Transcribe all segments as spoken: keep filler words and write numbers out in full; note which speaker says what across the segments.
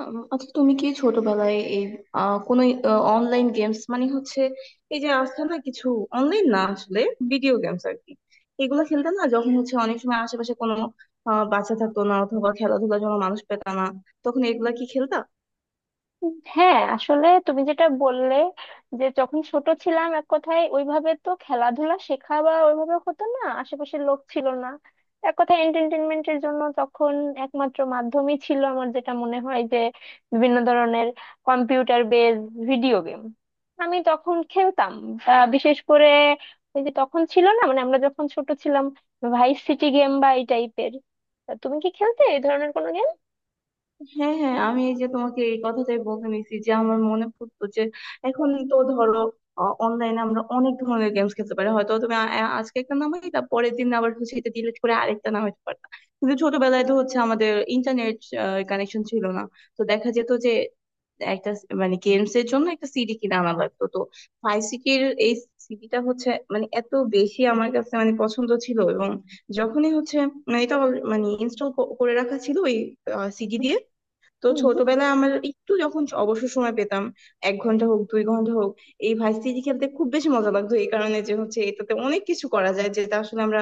Speaker 1: আম, আচ্ছা তুমি কি ছোটবেলায় এই আহ, কোনো অনলাইন গেমস মানে হচ্ছে এই যে আছে না কিছু অনলাইন না আসলে ভিডিও গেমস আর কি এগুলো খেলতে না যখন হচ্ছে অনেক সময় আশেপাশে কোনো আহ, বাচ্চা থাকতো না অথবা খেলাধুলার জন্য মানুষ পেত না তখন এগুলা কি খেলতা?
Speaker 2: হ্যাঁ, আসলে তুমি যেটা বললে যে যখন ছোট ছিলাম এক কথায় ওইভাবে তো খেলাধুলা শেখা বা ওইভাবে হতো না, আশেপাশের লোক ছিল না। এক কথায় এন্টারটেনমেন্টের জন্য তখন একমাত্র মাধ্যমই ছিল আমার, যেটা মনে হয় যে বিভিন্ন ধরনের কম্পিউটার বেজ ভিডিও গেম আমি তখন খেলতাম। আহ, বিশেষ করে ওই যে তখন ছিল না, মানে আমরা যখন ছোট ছিলাম, ভাইস সিটি গেম বা এই টাইপের। তুমি কি খেলতে এই ধরনের কোনো গেম?
Speaker 1: হ্যাঁ হ্যাঁ আমি এই যে তোমাকে এই কথাটাই বলতে নিছি যে আমার মনে পড়তো যে এখন তো ধরো অনলাইনে আমরা অনেক ধরনের গেমস খেলতে পারি, হয়তো তুমি আ- আ- আজকে একটা নামাইলা, পরের দিন আবার হচ্ছে এটা ডিলিট করে আরেকটা নামাইতে পারতা। কিন্তু ছোটবেলায় তো হচ্ছে আমাদের ইন্টারনেট কানেকশন ছিল না। তো দেখা যেত যে একটা স- মানে গেমস এর জন্য একটা সিডি কিনে আনা লাগতো, তো ফাইসিকের এই সিডিটা হচ্ছে মানে এত বেশি আমার কাছে মানে পছন্দ ছিল, এবং যখনই হচ্ছে মানে এটা all- মানে ইনস্টল করে রাখা ছিল ওই সিডি দিয়ে। তো ছোটবেলায় আমার একটু যখন অবসর সময় পেতাম, এক ঘন্টা হোক দুই ঘন্টা হোক, এই ভাইস সিটি খেলতে খুব বেশি মজা লাগতো এই কারণে যে হচ্ছে এটাতে অনেক কিছু করা যায়, যেটা আসলে আমরা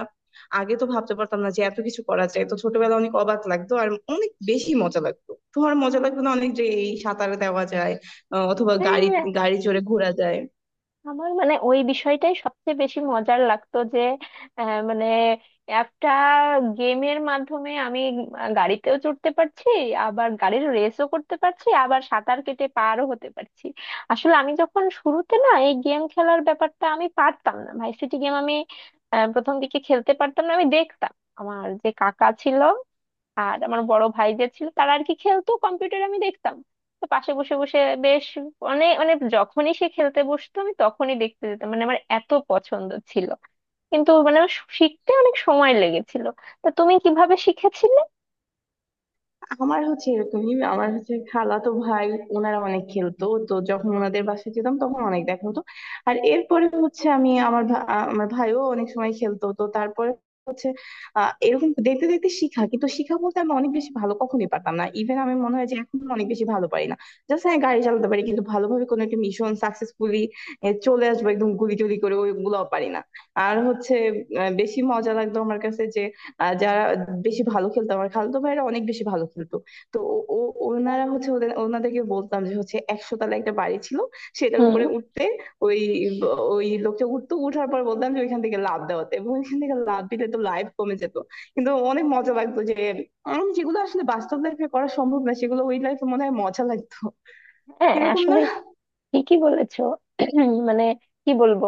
Speaker 1: আগে তো ভাবতে পারতাম না যে এত কিছু করা যায়। তো ছোটবেলায় অনেক অবাক লাগতো আর অনেক বেশি মজা লাগতো। তোমার মজা লাগতো না অনেক, যে এই সাঁতার দেওয়া যায় আহ, অথবা গাড়ি
Speaker 2: হ্যাঁ,
Speaker 1: গাড়ি চড়ে ঘোরা যায়?
Speaker 2: আমার মানে ওই বিষয়টাই সবচেয়ে বেশি মজার লাগতো যে আহ, মানে একটা গেমের মাধ্যমে আমি আহ, গাড়িতেও চড়তে পারছি, আবার গাড়ির রেসও করতে পারছি, আবার সাঁতার কেটে পারও হতে পারছি। আসলে আমি যখন শুরুতে, না এই গেম খেলার ব্যাপারটা আমি পারতাম না, ভার্সিটি গেম আমি আহ, প্রথম দিকে খেলতে পারতাম না। আমি দেখতাম আমার যে কাকা ছিল আর আমার বড় ভাই যে ছিল তারা আর কি খেলতো কম্পিউটার, আমি দেখতাম। তো পাশে বসে বসে বেশ অনেক, মানে যখনই সে খেলতে বসতো আমি তখনই দেখতে যেতাম, মানে আমার এত পছন্দ ছিল। কিন্তু মানে আমার শিখতে অনেক সময় লেগেছিল। তা তুমি কিভাবে শিখেছিলে?
Speaker 1: আমার হচ্ছে এরকমই, আমার হচ্ছে খালাতো ভাই, ওনারা অনেক খেলতো তো যখন ওনাদের বাসায় যেতাম তখন অনেক দেখা হতো। আর এরপরে হচ্ছে আমি আমার ভা- আ- আমার ভাইও অনেক সময় খেলতো তো তারপরে হচ্ছে আহ এরকম দেখতে দেখতে শিখা, কিন্তু শিখা বলতে আমি অনেক বেশি ভালো কখনোই পারতাম না, ইভেন আমি মনে হয় যে এখন অনেক বেশি ভালো পারি না। জাস্ট হ্যাঁ গাড়ি চালাতে পারি, কিন্তু ভালোভাবে কোনো একটা মিশন সাকসেসফুলি চলে আসবো একদম গুলি টুলি করে ওইগুলোও পারি না। আর হচ্ছে আহ, বেশি মজা লাগতো আমার কাছে যে আর যারা বেশি ভালো খেলতো, আমার খালাতো ভাইয়েরা অনেক বেশি ভালো খেলতো, তো ও ও- ওনারা হচ্ছে ওদের ওনাদেরকে বলতাম যে হচ্ছে একশো তলা একটা বাড়ি ছিল সেটার
Speaker 2: হুম।
Speaker 1: উপরে উঠতে, ওই ওই লোকটা উঠতো, উঠার পর বলতাম যে ওইখান থেকে লাফ দেওয়াতে, এবং ওইখান থেকে লাফ দিলে তো লাইফ কমে যেত। কিন্তু অনেক মজা লাগতো যে উম, যেগুলো আসলে বাস্তব লাইফে করা সম্ভব না, সেগুলো ওই লাইফে মনে হয় মজা লাগতো,
Speaker 2: হ্যাঁ,
Speaker 1: এরকম
Speaker 2: আসলে
Speaker 1: না?
Speaker 2: ঠিকই বলেছো। মানে কি বলবো,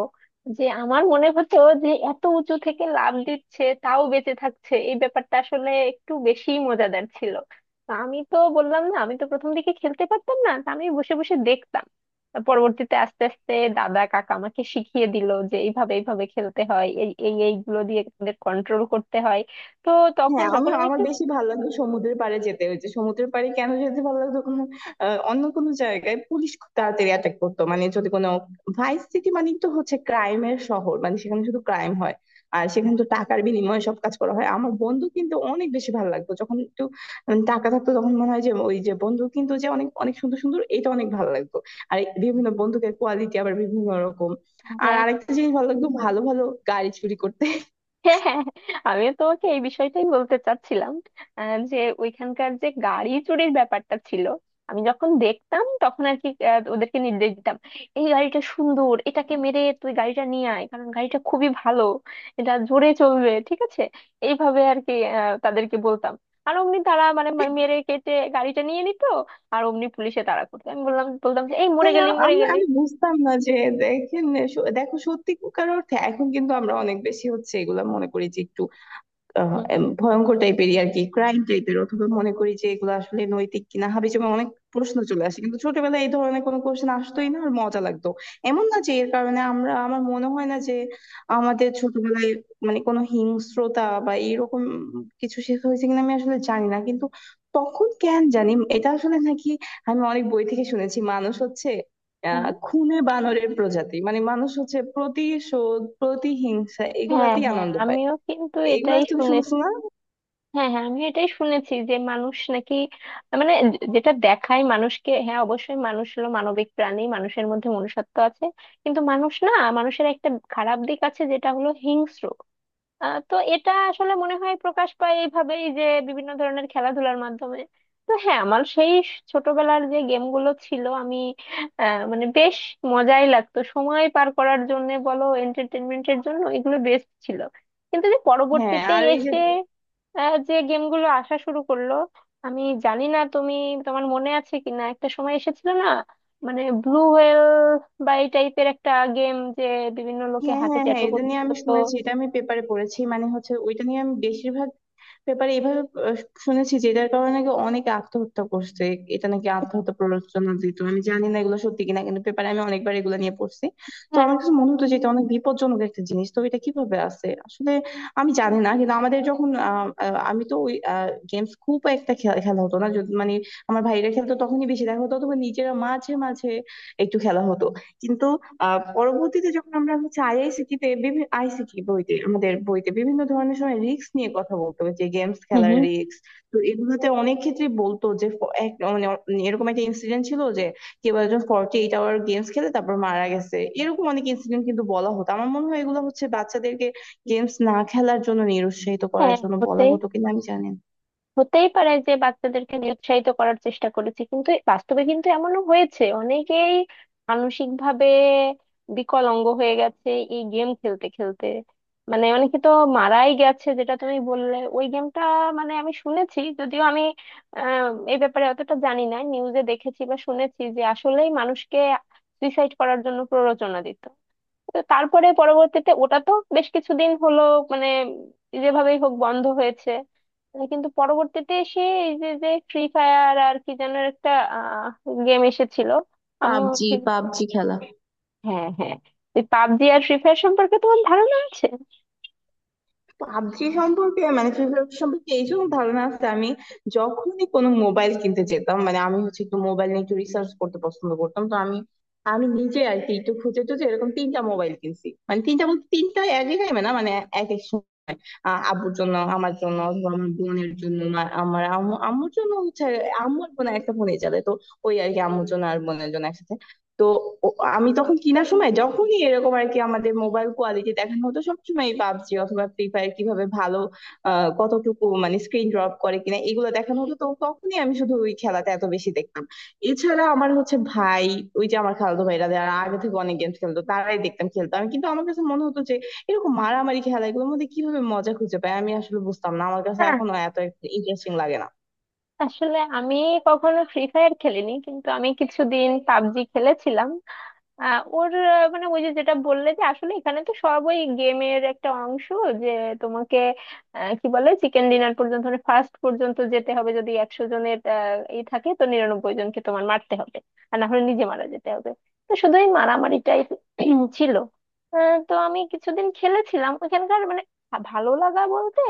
Speaker 2: যে আমার মনে হতো যে এত উঁচু থেকে লাফ দিচ্ছে তাও বেঁচে থাকছে, এই ব্যাপারটা আসলে একটু বেশি মজাদার ছিল। তো আমি তো বললাম না, আমি তো প্রথম দিকে খেলতে পারতাম না, তা আমি বসে বসে দেখতাম। তা পরবর্তীতে আস্তে আস্তে দাদা কাকা আমাকে শিখিয়ে দিল যে এইভাবে এইভাবে খেলতে হয়, এই এই এইগুলো দিয়ে তাদের কন্ট্রোল করতে হয়। তো তখন
Speaker 1: হ্যাঁ, আমি
Speaker 2: যখন আমি
Speaker 1: আমার
Speaker 2: একটু,
Speaker 1: বেশি ভালো লাগতো সমুদ্রের পাড়ে যেতে, ওই যে সমুদ্রের পাড়ে কেন যেতে ভালো লাগতো, কোনো আহ, অন্য কোনো জায়গায় পুলিশ খুব তাড়াতাড়ি অ্যাটাক করতো, মানে যদি কোনো ভাইস সিটি মানে তো হচ্ছে ক্রাইমের শহর, মানে সেখানে শুধু ক্রাইম হয়, আর সেখানে তো টাকার বিনিময়ে সব কাজ করা হয়। আমার বন্ধু কিন্তু অনেক বেশি ভালো লাগতো যখন একটু উম, টাকা থাকতো তখন মনে হয় যে ওই যে বন্ধু কিন্তু যে অনেক অনেক সুন্দর সুন্দর, এটা অনেক ভালো লাগতো। আর এই বিভিন্ন বন্ধুকের কোয়ালিটি আবার বিভিন্ন রকম। আর
Speaker 2: হ্যাঁ,
Speaker 1: আরেকটা জিনিস ভালো লাগতো, ভালো ভালো গাড়ি চুরি করতে।
Speaker 2: হ্যাঁ হ্যাঁ হ্যাঁ, আমিও তোমাকে এই বিষয়টাই বলতে চাচ্ছিলাম। আহ, যে ওইখানকার যে গাড়ি চুরির ব্যাপারটা ছিল, আমি যখন দেখতাম তখন আর কি আহ, ওদেরকে নির্দেশ দিতাম, এই গাড়িটা সুন্দর, এটাকে মেরে তুই গাড়িটা নিয়ে আয়, কারণ গাড়িটা খুবই ভালো, এটা জোরে চলবে, ঠিক আছে। এইভাবে আর কি আহ, তাদেরকে বলতাম। আর অমনি তারা মানে মা- মেরে কেটে গাড়িটা নিয়ে নিত। আর অমনি পুলিশে তাড়া করতো, আমি বললাম বলতাম যে এই মরে
Speaker 1: হ্যাঁ,
Speaker 2: গেলি মরে
Speaker 1: আমরা
Speaker 2: গেলি।
Speaker 1: আমি বুঝতাম না যে দেখেন, সু- দেখো সত্যিকার অর্থে এখন কিন্তু আমরা অনেক বেশি হচ্ছে এগুলা মনে করি যে একটু আহ,
Speaker 2: হুম
Speaker 1: এম, ভয়ঙ্কর টাইপেরই আর কি, ক্রাইম টাইপের, অথবা মনে করি যে এগুলো আসলে নৈতিক কিনা হাবিজাবি অনেক প্রশ্ন চলে আসে। কিন্তু ছোটবেলায় এই ধরনের কোনো কোশ্চেন আসতোই না আর মজা লাগতো। এমন না যে এর কারণে আমরা, আমার মনে হয় না যে আমাদের ছোটবেলায় মানে কোনো হিংস্রতা বা এরকম কিছু শেখা হয়েছে কিনা আমি আসলে জানি না, কিন্তু তখন কেন জানি এটা আসলে নাকি আমি অনেক বই থেকে শুনেছি মানুষ হচ্ছে আহ
Speaker 2: হুম।
Speaker 1: খুনে বানরের প্রজাতি, মানে মানুষ হচ্ছে প্রতিশোধ, প্রতিহিংসা
Speaker 2: হ্যাঁ
Speaker 1: এগুলাতেই
Speaker 2: হ্যাঁ
Speaker 1: আনন্দ পায়।
Speaker 2: আমিও কিন্তু
Speaker 1: এগুলা
Speaker 2: এটাই
Speaker 1: তুমি শুনছো
Speaker 2: শুনেছি।
Speaker 1: না?
Speaker 2: হ্যাঁ হ্যাঁ আমি এটাই শুনেছি যে মানুষ নাকি, মানে যে- যেটা দেখায় মানুষকে, হ্যাঁ অবশ্যই মানুষ হলো মানবিক প্রাণী, মানুষের মধ্যে মনুষ্যত্ব আছে। কিন্তু মানুষ না, মানুষের একটা খারাপ দিক আছে যেটা হলো হিংস্র। আহ, তো এটা আসলে মনে হয় প্রকাশ পায় এইভাবেই যে বিভিন্ন ধরনের খেলাধুলার মাধ্যমে। তো হ্যাঁ, আমার সেই স- ছোটবেলার যে গেমগুলো ছিল আমি আহ, মানে বেশ মজাই লাগতো। সময় পার করার জন্য বলো, এন্টারটেনমেন্টের জন্য এগুলো বেস্ট ছিল। কিন্তু যে
Speaker 1: হ্যাঁ,
Speaker 2: পরবর্তীতে
Speaker 1: আর এই যে
Speaker 2: এসে আহ, যে গেমগুলো আসা শুরু করলো, আমি জানি না তুমি, তোমার মনে আছে কিনা, একটা সময় এসেছিল না, মানে ব্লু হোয়েল বা এই টাইপের একটা গেম যে বিভিন্ন লোকে
Speaker 1: হ্যাঁ,
Speaker 2: হাতে
Speaker 1: হ্যাঁ, হ্যাঁ,
Speaker 2: ট্যাটু
Speaker 1: এটা
Speaker 2: করতে
Speaker 1: নিয়ে আমি
Speaker 2: হতো।
Speaker 1: শুনেছি, এটা আমি পেপারে পড়েছি, মানে হচ্ছে ওইটা নিয়ে আমি বেশিরভাগ ব্যাপারে এভাবে আহ, শুনেছি যে এটার কারণে নাকি অনেকে আত্মহত্যা করছে, এটা নাকি আত্মহত্যা প্ররোচনা দিত। আমি জানি না এগুলো সত্যি কিনা, কিন্তু পেপারে আমি অনেকবার এগুলো নিয়ে পড়ছি। তো আমার কাছে মনে হতো যে এটা অনেক বিপজ্জনক একটা জিনিস, তো এটা কিভাবে আছে আসলে আমি জানি না। কিন্তু আমাদের যখন আহ, আহ, আমি তো ওই গেমস খুব একটা খেলা খেলা হতো না, যদি- মানে আমার ভাইরা খেলতো তখনই বেশি দেখা হতো, অথবা নিজেরা মাঝে মাঝে একটু খেলা হতো। কিন্তু আহ পরবর্তীতে যখন আমরা হচ্ছে আইআইসিটি তে বিভিন্ন আইসিটি বইতে আমাদের বইতে বিভিন্ন ধরনের সময় রিস্ক নিয়ে কথা বলতো যে গেমস
Speaker 2: হুম
Speaker 1: খেলার
Speaker 2: হুম।
Speaker 1: রিস্ক, তো এগুলোতে অনেক ক্ষেত্রে বলতো যে ফ- এক- মানে অ- এরকম একটা ইনসিডেন্ট ছিল যে কেউ একজন ফর্টি এইট আওয়ার গেমস খেলে তারপর মারা গেছে, এরকম অনেক ইনসিডেন্ট কিন্তু বলা হতো। আমার মনে হয় এগুলো হচ্ছে বাচ্চাদেরকে গেমস না খেলার জন্য নিরুৎসাহিত করার
Speaker 2: হ্যাঁ,
Speaker 1: জন্য বলা
Speaker 2: হতেই
Speaker 1: হতো কিনা আমি জানি না।
Speaker 2: হতেই পারে যে বাচ্চাদেরকে নিরুৎসাহিত করার চেষ্টা করেছি, কিন্তু বাস্তবে কিন্তু এমনও হয়েছে অনেকেই মানসিক ভাবে বিকলাঙ্গ হয়ে গেছে এই গেম খেলতে খেলতে। মানে অনেকে তো মারাই গেছে, যেটা তুমি বললে ওই গেমটা, মানে আমি শুনেছি, যদিও আমি আহ এই ব্যাপারে অতটা জানি না, নিউজে দেখেছি বা শুনেছি যে আসলেই মানুষকে সুইসাইড করার জন্য প্ররোচনা দিত। তো তারপরে পরবর্তীতে ওটা তো বেশ কিছুদিন হলো মানে যেভাবেই হোক বন্ধ হয়েছে। আহ, কিন্তু পরবর্তীতে এসে এই যে যে ফ্রি ফায়ার আর কি, যেন একটা গেম এসেছিল, আমি,
Speaker 1: পাবজি
Speaker 2: ঠিক,
Speaker 1: পাবজি খেলা?
Speaker 2: হ্যাঁ হ্যাঁ এই পাবজি আর ফ্রি ফায়ার সম্পর্কে তোমার ধারণা আছে?
Speaker 1: পাবজি সম্পর্কে মানে ফ্রি ফায়ার সম্পর্কে এই জন্য ধারণা আছে, আমি যখনই কোনো মোবাইল কিনতে যেতাম মানে আমি হচ্ছে একটু মোবাইল নিয়ে একটু রিসার্চ করতে পছন্দ করতাম, তো আমি আমি নিজে আর কি একটু খুঁজে টুজে এরকম তিনটা মোবাইল কিনছি, মানে তিনটা বলতে তিনটা এক জায়গায় না, মানে এক এক আহ আব্বুর জন্য, আমার জন্য, অথবা আমার বোনের জন্য, মা- আমার আম্মু, আম্মুর জন্য হচ্ছে আম্মুর বোন একটা ফোনই চলে, তো ওই আর কি আম্মুর জন্য আর বোনের জন্য একসাথে। তো ও- আমি তখন কিনার সময় যখনই এরকম আর কি আমাদের মোবাইল কোয়ালিটি দেখানো হতো সবসময় পাবজি অথবা ফ্রি ফায়ার কিভাবে ভালো আহ কতটুকু মানে স্ক্রিন ড্রপ করে কিনা এগুলো দেখানো হতো, তো তখনই আমি শুধু ওই খেলাতে এত বেশি দেখতাম। এছাড়া আমার হচ্ছে ভাই, ওই যে আমার খালাতো ভাইরা যারা আগে থেকে অনেক গেমস খেলতো তারাই দেখতাম খেলতো। আমি কিন্তু আমার কাছে মনে হতো যে এরকম মারামারি খেলা এগুলোর মধ্যে কিভাবে মজা খুঁজে পায় আমি আসলে বুঝতাম না, আমার কাছে
Speaker 2: হ্যাঁ,
Speaker 1: এখনো এত ইন্টারেস্টিং লাগে না।
Speaker 2: আসলে আমি কখনো ফ্রি ফায়ার খেলিনি, কিন্তু আমি কিছুদিন পাবজি খেলেছিলাম। আহ, ওর আহ, মানে ওই যে যেটা বললে যে আসলে এখানে তো সব ওই গেমের একটা অংশ যে তোমাকে আহ, কি বলে চিকেন ডিনার পর্যন্ত, মানে ফার্স্ট পর্যন্ত যেতে হবে, যদি একশো জনের আহ, ই থাকে তো নিরানব্বই জনকে তোমার মারতে হবে, আর না হলে নিজে মারা যেতে হবে। তো শুধু এই মারামারিটাই ছিল। আহ, তো আমি কিছুদিন খেলেছিলাম ওখানকার মানে ভা- ভালো লাগা বলতে,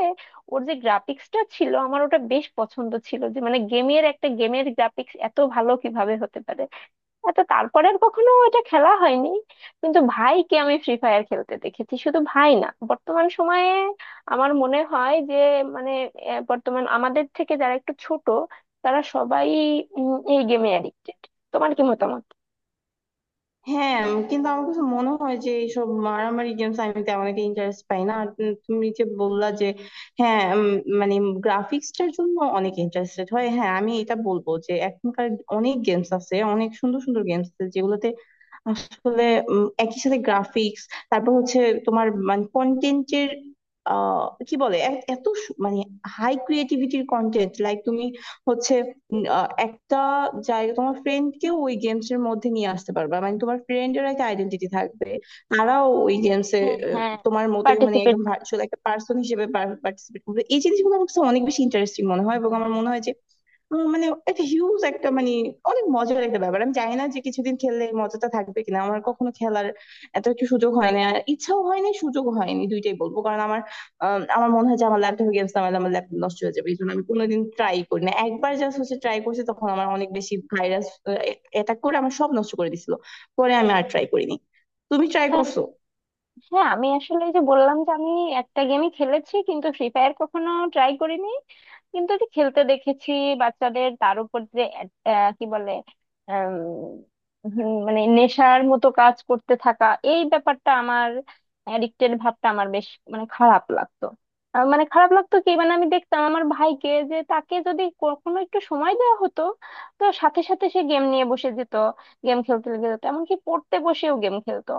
Speaker 2: ওর যে গ্রাফিক্সটা ছিল আমার ওটা বেশ পছন্দ ছিল, যে মানে গেমের একটা, গেমের গ্রাফিক্স এত ভালো কিভাবে হতে পারে। এত, তারপরে আর কখনো এটা খেলা হয়নি। কিন্তু ভাইকে আমি ফ্রি ফায়ার খেলতে দেখেছি, শুধু ভাই না, বর্তমান সময়ে আমার মনে হয় যে মানে আহ, বর্তমান আমাদের থেকে যারা একটু ছোট, তারা সবাই উম, এই গেমে অ্যাডিক্টেড। তোমার কি মতামত?
Speaker 1: হ্যাঁ, উম, কিন্তু আমার কাছে মনে হয় যে এইসব মারামারি গেমস আমি তেমন একটা ইন্টারেস্ট পাই না। আর উম, তুমি যে বললা যে হ্যাঁ উম, মানে গ্রাফিক্সটার জন্য অনেক ইন্টারেস্টেড হয়, হ্যাঁ আমি এটা বলবো যে এখনকার অনেক গেমস আছে, অনেক সুন্দর সুন্দর গেমস আছে যেগুলোতে আসলে উম, একই সাথে গ্রাফিক্স, তারপর হচ্ছে তোমার মানে কন্টেন্টের কি বলে এ- এত সু- মানে হাই ক্রিয়েটিভিটির কন্টেন্ট, লাইক তুমি হচ্ছে উম, আহ, একটা জায়গা তোমার ফ্রেন্ডকেও ওই গেমস এর মধ্যে নিয়ে আসতে পারবে, মানে তোমার ফ্রেন্ডের একটা আইডেন্টিটি থাকবে, তারাও ওই গেমসে
Speaker 2: হ্যাঁ হ্যাঁ
Speaker 1: তোমার মতোই মানে
Speaker 2: পার্টিসিপেট।
Speaker 1: একদম ভার্চুয়াল একটা পার্সন হিসেবে পার্টিসিপেট করবে। এই জিনিসগুলো আমার কাছে অনেক বেশি ইন্টারেস্টিং মনে হয়, এবং আমার মনে হয় যে উম মানে একটা হিউজ একটা মানে অনেক মজার একটা ব্যাপার। আমি জানি না যে কিছুদিন খেললে এই মজাটা থাকবে কিনা, আমার কখনো খেলার এত একটা সুযোগ হয়নি আর ইচ্ছাও হয়নি, সুযোগ হয়নি দুইটাই বলবো কারণ আমার আম, আমার মনে হয় যে আমার ল্যাপটপে গেমস নামালে আমার ল্যাপটপ নষ্ট হয়ে যাবে, এই জন্য আমি কোনোদিন ট্রাই করি না। একবার জাস্ট হচ্ছে ট্রাই করছি তখন আমার অনেক বেশি ভাইরাস অ্যাটাক করে আমার সব নষ্ট করে দিছিল, পরে আমি আর ট্রাই করিনি। তুমি ট্রাই করছো?
Speaker 2: হ্যাঁ, আমি আসলে এই যে বললাম যে আমি একটা গেমই খেলেছি, কিন্তু ফ্রি ফায়ার কখনো ট্রাই করিনি, কিন্তু ওটি খেলতে দেখেছি বাচ্চাদের, তার উপর যে এড- আহ, কি বলে, আম, হুম, মানে নেশার মতো কাজ করতে থাকা, এই ব্যাপারটা আমার অ্যাডিক্টেড ভাবটা আমার বেশ মানে খারাপ লাগতো। আহ, মানে খারাপ লাগতো কি মানে, আমি দেখতাম আমার ভাইকে যে তাকে যদি কখনো একটু সময় দেওয়া হতো তো সাথে সাথে সে গেম নিয়ে বসে যেত, গেম খেলতে লেগে যেত, এমনকি পড়তে বসেও গেম খেলতো।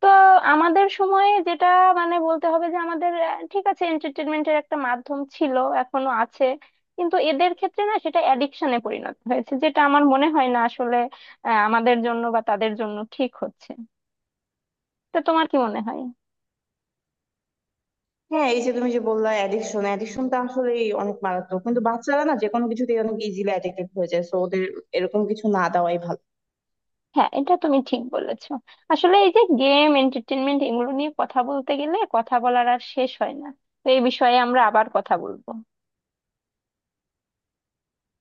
Speaker 2: তো আমাদের সময়ে যেটা মানে বলতে হবে যে আমাদের, আহ, ঠিক আছে, এন্টারটেনমেন্টের একটা মাধ্যম ছিল, এখনো আছে। কিন্তু এদের ক্ষেত্রে না সেটা অ্যাডিকশনে পরিণত হয়েছে, যেটা আমার মনে হয় না আসলে আহ, আমাদের জন্য বা তাদের জন্য ঠিক হচ্ছে। তো তোমার কি মনে হয়?
Speaker 1: হ্যাঁ, এই যে তুমি যে বললা অ্যাডিকশন, অ্যাডিকশনটা আসলে অনেক মারাত্মক, কিন্তু বাচ্চারা না যে কোনো কিছুতে অনেক ইজিলি অ্যাডিক্টেড হয়ে যায়, তো ওদের এরকম কিছু না দেওয়াই ভালো।
Speaker 2: হ্যাঁ, এটা তুমি ঠিক বলেছো। আসলে এই যে গেম, এন্টারটেনমেন্ট এগুলো নিয়ে কথা বলতে গেলে কথা বলার আর শেষ হয় না। তো এই বিষয়ে আমরা আবার কথা বলবো।